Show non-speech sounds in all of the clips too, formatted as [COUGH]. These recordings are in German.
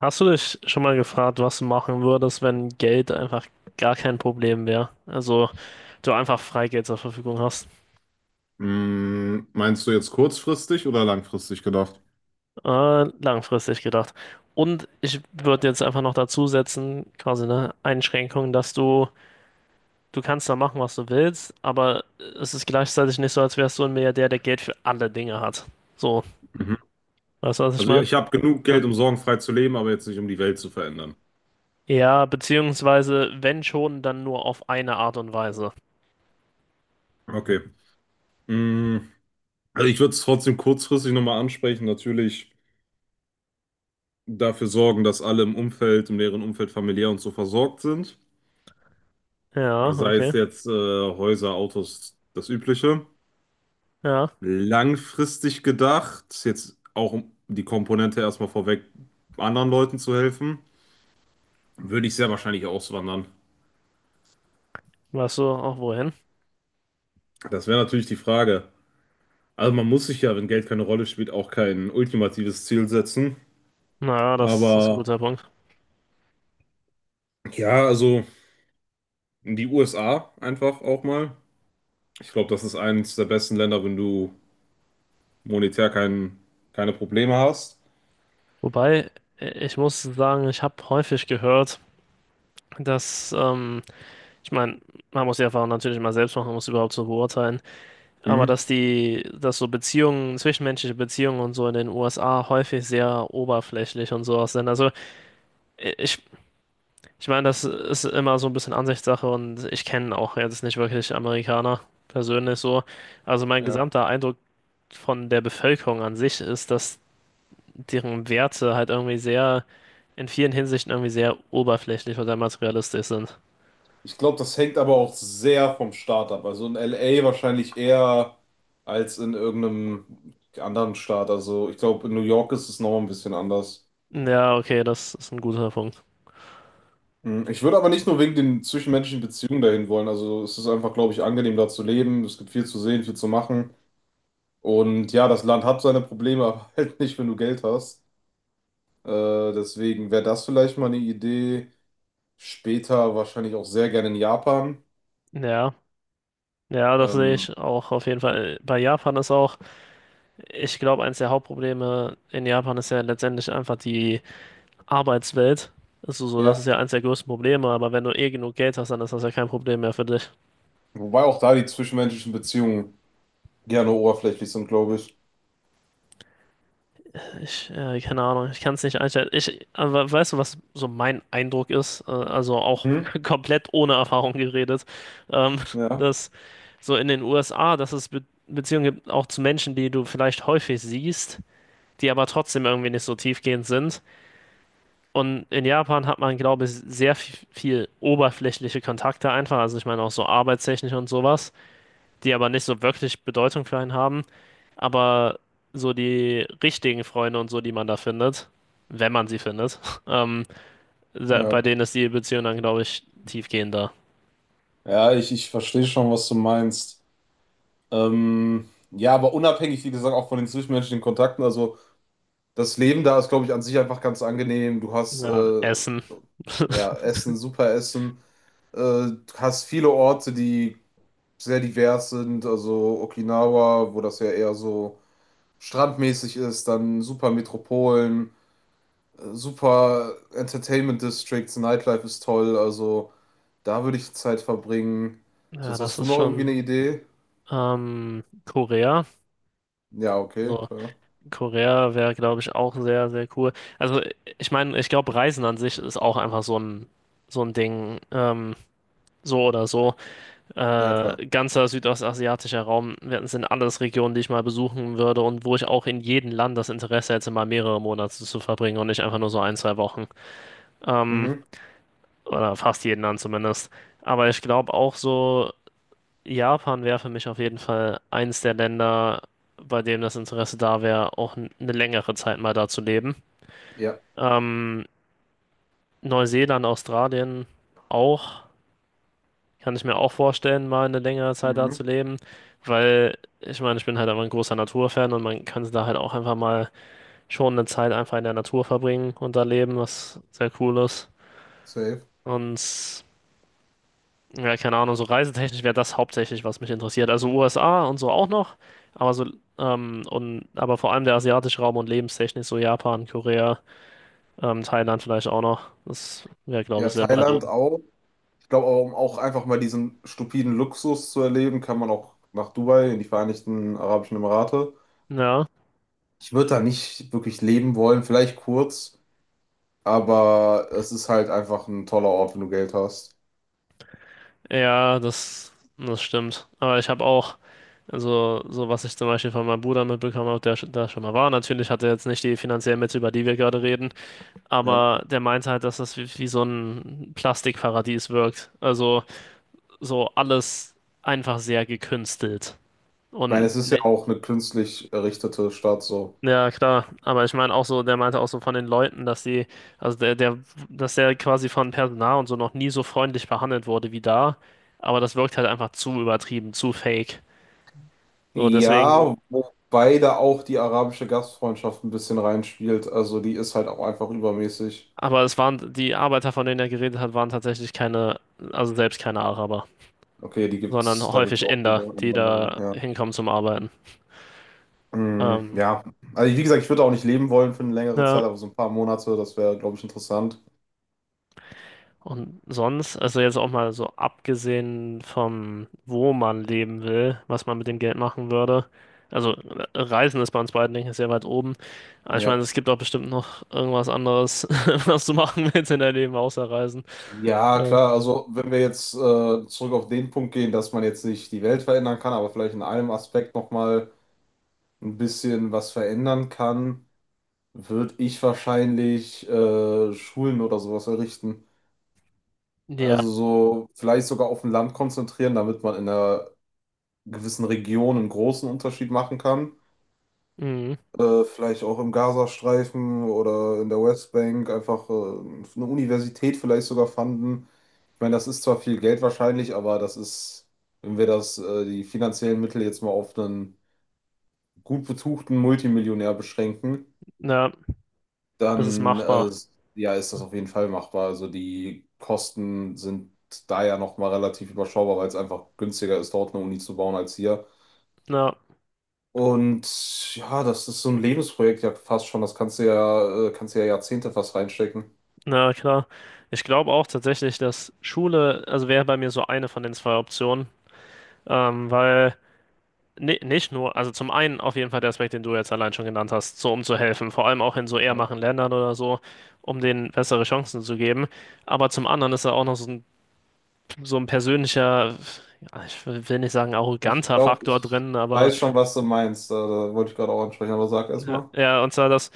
Hast du dich schon mal gefragt, was du machen würdest, wenn Geld einfach gar kein Problem wäre? Also du einfach Freigeld zur Verfügung hast. Mm, meinst du jetzt kurzfristig oder langfristig gedacht? Langfristig gedacht. Und ich würde jetzt einfach noch dazu setzen, quasi eine Einschränkung, dass du kannst da machen, was du willst, aber es ist gleichzeitig nicht so, als wärst du ein Milliardär, der Geld für alle Dinge hat. So, Mhm. weißt du, was ich Also ja, meine? ich habe genug Ja. Geld, um sorgenfrei zu leben, aber jetzt nicht, um die Welt zu verändern. Ja, beziehungsweise, wenn schon, dann nur auf eine Art und Weise. Okay. Mm, also ich würde es trotzdem kurzfristig nochmal ansprechen. Natürlich dafür sorgen, dass alle im Umfeld, im näheren Umfeld familiär und so versorgt sind. Ja, Sei es okay. jetzt Häuser, Autos, das Übliche. Ja, Langfristig gedacht, jetzt auch um die Komponente erstmal vorweg, anderen Leuten zu helfen, würde ich sehr wahrscheinlich auswandern. weißt du auch wohin? Das wäre natürlich die Frage. Also man muss sich ja, wenn Geld keine Rolle spielt, auch kein ultimatives Ziel setzen. Naja, das ist ein Aber guter Punkt. ja, also die USA einfach auch mal. Ich glaube, das ist eines der besten Länder, wenn du monetär kein, keine Probleme hast. Wobei, ich muss sagen, ich habe häufig gehört, dass, ähm, ich meine, man muss die Erfahrung natürlich mal selbst machen, um es überhaupt zu beurteilen, aber Hm. dass so Beziehungen, zwischenmenschliche Beziehungen und so in den USA häufig sehr oberflächlich und sowas sind. Also ich, ich meine, das ist immer so ein bisschen Ansichtssache und ich kenne auch jetzt nicht wirklich Amerikaner persönlich so. Also mein Ja. gesamter Eindruck von der Bevölkerung an sich ist, dass deren Werte halt irgendwie in vielen Hinsichten irgendwie sehr oberflächlich oder materialistisch sind. Ich glaube, das hängt aber auch sehr vom Staat ab. Also in LA wahrscheinlich eher als in irgendeinem anderen Staat. Also ich glaube, in New York ist es noch ein bisschen anders. Ja, okay, das ist ein guter Punkt. Mhm. Ich würde aber nicht nur wegen den zwischenmenschlichen Beziehungen dahin wollen. Also es ist einfach, glaube ich, angenehm, da zu leben. Es gibt viel zu sehen, viel zu machen. Und ja, das Land hat seine Probleme, aber [LAUGHS] halt nicht, wenn du Geld hast. Äh, deswegen wäre das vielleicht mal eine Idee. Später wahrscheinlich auch sehr gerne in Japan. Ja, ja, das sehe Ähm, ich auch auf jeden Fall. Bei Japan ist auch, ich glaube, eines der Hauptprobleme in Japan ist ja letztendlich einfach die Arbeitswelt. Also so, das ist ja, ja eines der größten Probleme, aber wenn du eh genug Geld hast, dann ist das ja kein Problem mehr für dich. wobei auch da die zwischenmenschlichen Beziehungen gerne oberflächlich sind, glaube ich. Keine Ahnung, ich kann es nicht einschätzen. Ich, aber weißt du, was so mein Eindruck ist? Also auch Mhm. [LAUGHS] komplett ohne Erfahrung geredet, ähm, Ja, dass so in den USA, dass es Be Beziehungen gibt, auch zu Menschen, die du vielleicht häufig siehst, die aber trotzdem irgendwie nicht so tiefgehend sind. Und in Japan hat man, glaube ich, sehr viel, viel oberflächliche Kontakte einfach. Also ich meine auch so arbeitstechnisch und sowas, die aber nicht so wirklich Bedeutung für einen haben. Aber so die richtigen Freunde und so, die man da findet, wenn man sie findet, [LAUGHS] ähm, bei ja. denen ist die Beziehung dann, glaube ich, tiefgehender. Ja, ich verstehe schon, was du meinst. Ja, aber unabhängig, wie gesagt, auch von den zwischenmenschlichen Kontakten, also. Das Leben da ist, glaube ich, an sich einfach ganz angenehm. Du hast Ja, Essen. ja Essen, super Essen. Du hast viele Orte, die sehr divers sind. Also Okinawa, wo das ja eher so strandmäßig ist, dann super Metropolen, super Entertainment Districts, Nightlife ist toll. Also da würde ich Zeit verbringen. Ja, Sonst das hast du ist noch irgendwie eine schon Idee? ähm, Korea. Ja, okay, So, klar. Korea wäre, glaube ich, auch sehr, sehr cool. Also, ich meine, ich glaube, Reisen an sich ist auch einfach so ein Ding, so oder so. Ja, klar. Ganzer südostasiatischer Raum, sind alles Regionen, die ich mal besuchen würde und wo ich auch in jedem Land das Interesse hätte, mal mehrere Monate zu verbringen und nicht einfach nur so ein, zwei Wochen. Ähm, Mhm. oder fast jeden Land zumindest. Aber ich glaube auch so, Japan wäre für mich auf jeden Fall eins der Länder, bei dem das Interesse da wäre, auch eine längere Zeit mal da zu leben. Ja. Ähm, Neuseeland, Australien auch. Kann ich mir auch vorstellen, mal eine längere Zeit da Mhm. zu leben, weil ich meine, ich bin halt einfach ein großer Naturfan und man kann da halt auch einfach mal schon eine Zeit einfach in der Natur verbringen und da leben, was sehr cool ist. Safe. Und ja, keine Ahnung, so reisetechnisch wäre das hauptsächlich, was mich interessiert. Also USA und so auch noch, aber und aber vor allem der asiatische Raum und lebenstechnisch so Japan, Korea, Thailand vielleicht auch noch. Das wäre, glaube Ja, ich, sehr weit Thailand oben. auch. Ich glaube, um auch einfach mal diesen stupiden Luxus zu erleben, kann man auch nach Dubai, in die Vereinigten Arabischen Emirate. Ja. Ich würde da nicht wirklich leben wollen, vielleicht kurz, aber es ist halt einfach ein toller Ort, wenn du Geld hast. Ja, das stimmt. Aber ich habe auch, also so was ich zum Beispiel von meinem Bruder mitbekommen habe, der da schon mal war. Natürlich hat er jetzt nicht die finanziellen Mittel, über die wir gerade reden, Ja. aber der meint halt, dass das wie so ein Plastikparadies wirkt. Also so alles einfach sehr gekünstelt. Ich meine, Und es ist ja ne, auch eine künstlich errichtete Stadt so. ja klar, aber ich meine auch so, der meinte auch so von den Leuten, dass sie, also der, der, dass der quasi von Personal und so noch nie so freundlich behandelt wurde wie da. Aber das wirkt halt einfach zu übertrieben, zu fake. So, deswegen, Ja, wobei da auch die arabische Gastfreundschaft ein bisschen reinspielt. Also die ist halt auch einfach übermäßig. aber es waren, die Arbeiter, von denen er geredet hat, waren tatsächlich keine, also selbst keine Araber, Okay, die sondern gibt's, da gibt's häufig auch viele Inder, die Einwanderer, da ja. hinkommen zum Arbeiten. Mm, Ähm, ja, also wie gesagt, ich würde auch nicht leben wollen für eine längere Zeit, ja, aber so ein paar Monate, das wäre, glaube ich, interessant. und sonst, also jetzt auch mal so abgesehen vom, wo man leben will, was man mit dem Geld machen würde. Also Reisen ist bei uns beiden, denke ich, sehr weit oben. Aber ich meine, Ja. es gibt auch bestimmt noch irgendwas anderes, [LAUGHS] was du machen willst in deinem Leben, außer Reisen. Ja, Äh, klar, also wenn wir jetzt zurück auf den Punkt gehen, dass man jetzt nicht die Welt verändern kann, aber vielleicht in einem Aspekt nochmal ein bisschen was verändern kann, würde ich wahrscheinlich Schulen oder sowas errichten. ja, Also so vielleicht sogar auf ein Land konzentrieren, damit man in einer gewissen Region einen großen Unterschied machen kann. mhm. Vielleicht auch im Gazastreifen oder in der Westbank einfach eine Universität vielleicht sogar fanden. Ich meine, das ist zwar viel Geld wahrscheinlich, aber das ist, wenn wir die finanziellen Mittel jetzt mal auf einen gut betuchten Multimillionär beschränken, Ja, das ist dann machbar. ja, ist das auf jeden Fall machbar. Also die Kosten sind da ja nochmal relativ überschaubar, weil es einfach günstiger ist, dort eine Uni zu bauen als hier. Ja. Und ja, das ist so ein Lebensprojekt ja fast schon. Das kannst du ja Jahrzehnte fast reinstecken. Na klar. Ich glaube auch tatsächlich, dass Schule, also wäre bei mir so eine von den zwei Optionen, weil nicht nur, also zum einen auf jeden Fall der Aspekt, den du jetzt allein schon genannt hast, so um zu helfen, vor allem auch in so eher Ja. machen Ländern oder so, um denen bessere Chancen zu geben. Aber zum anderen ist da auch noch so ein persönlicher, ja, ich will nicht sagen Ich arroganter glaube, Faktor ich drin, aber weiß schon, was du meinst. Da wollte ich gerade auch ansprechen, aber sag erst ja, mal. ja, und zwar, dass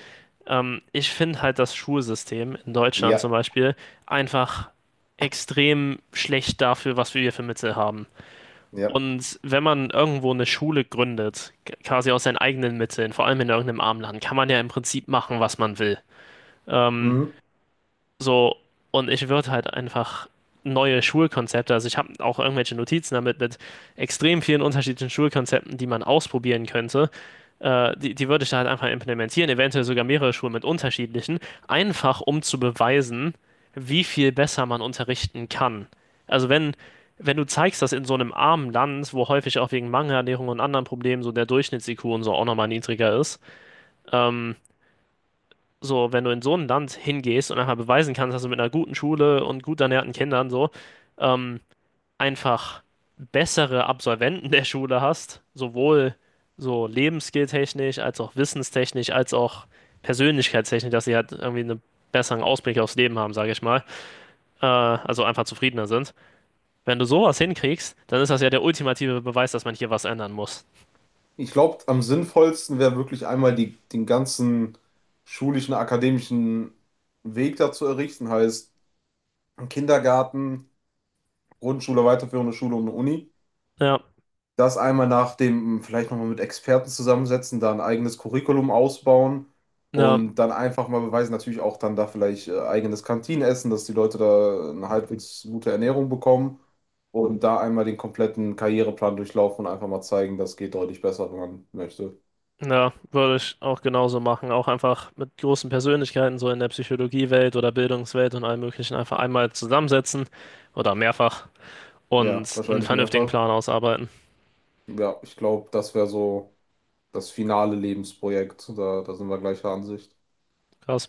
Ähm, ich finde halt das Schulsystem in Deutschland zum Ja, Beispiel einfach extrem schlecht dafür, was wir hier für Mittel haben. ja. Und wenn man irgendwo eine Schule gründet, quasi aus seinen eigenen Mitteln, vor allem in irgendeinem armen Land, kann man ja im Prinzip machen, was man will. Ähm, Mhm. so, und ich würde halt einfach neue Schulkonzepte, also ich habe auch irgendwelche Notizen damit mit extrem vielen unterschiedlichen Schulkonzepten, die man ausprobieren könnte. Die würde ich da halt einfach implementieren, eventuell sogar mehrere Schulen mit unterschiedlichen, einfach um zu beweisen, wie viel besser man unterrichten kann. Also wenn du zeigst, dass in so einem armen Land, wo häufig auch wegen Mangelernährung und anderen Problemen so der Durchschnitts-IQ und so auch nochmal niedriger ist, ähm, wenn du in so ein Land hingehst und einfach beweisen kannst, dass du mit einer guten Schule und gut ernährten Kindern ähm, einfach bessere Absolventen der Schule hast, sowohl so lebensskilltechnisch, als auch wissenstechnisch, als auch persönlichkeitstechnisch, dass sie halt irgendwie einen besseren Ausblick aufs Leben haben, sage ich mal, also einfach zufriedener sind. Wenn du sowas hinkriegst, dann ist das ja der ultimative Beweis, dass man hier was ändern muss. Ich glaube, am sinnvollsten wäre wirklich einmal den ganzen schulischen, akademischen Weg dazu errichten, heißt Kindergarten, Grundschule, weiterführende Schule und eine Uni. Ja, Das einmal nach dem, vielleicht nochmal mit Experten zusammensetzen, da ein eigenes Curriculum ausbauen ja, und dann einfach mal beweisen, natürlich auch dann da vielleicht eigenes Kantinenessen, dass die Leute da eine halbwegs gute Ernährung bekommen und da einmal den kompletten Karriereplan durchlaufen und einfach mal zeigen, das geht deutlich besser, wenn man möchte. Ja, würde ich auch genauso machen. Auch einfach mit großen Persönlichkeiten, so in der Psychologiewelt oder Bildungswelt und allem Möglichen, einfach einmal zusammensetzen oder mehrfach Ja, und einen wahrscheinlich vernünftigen mehrfach. Plan ausarbeiten. Ja, ich glaube, das wäre so das finale Lebensprojekt. Da sind wir gleicher Ansicht. Krass.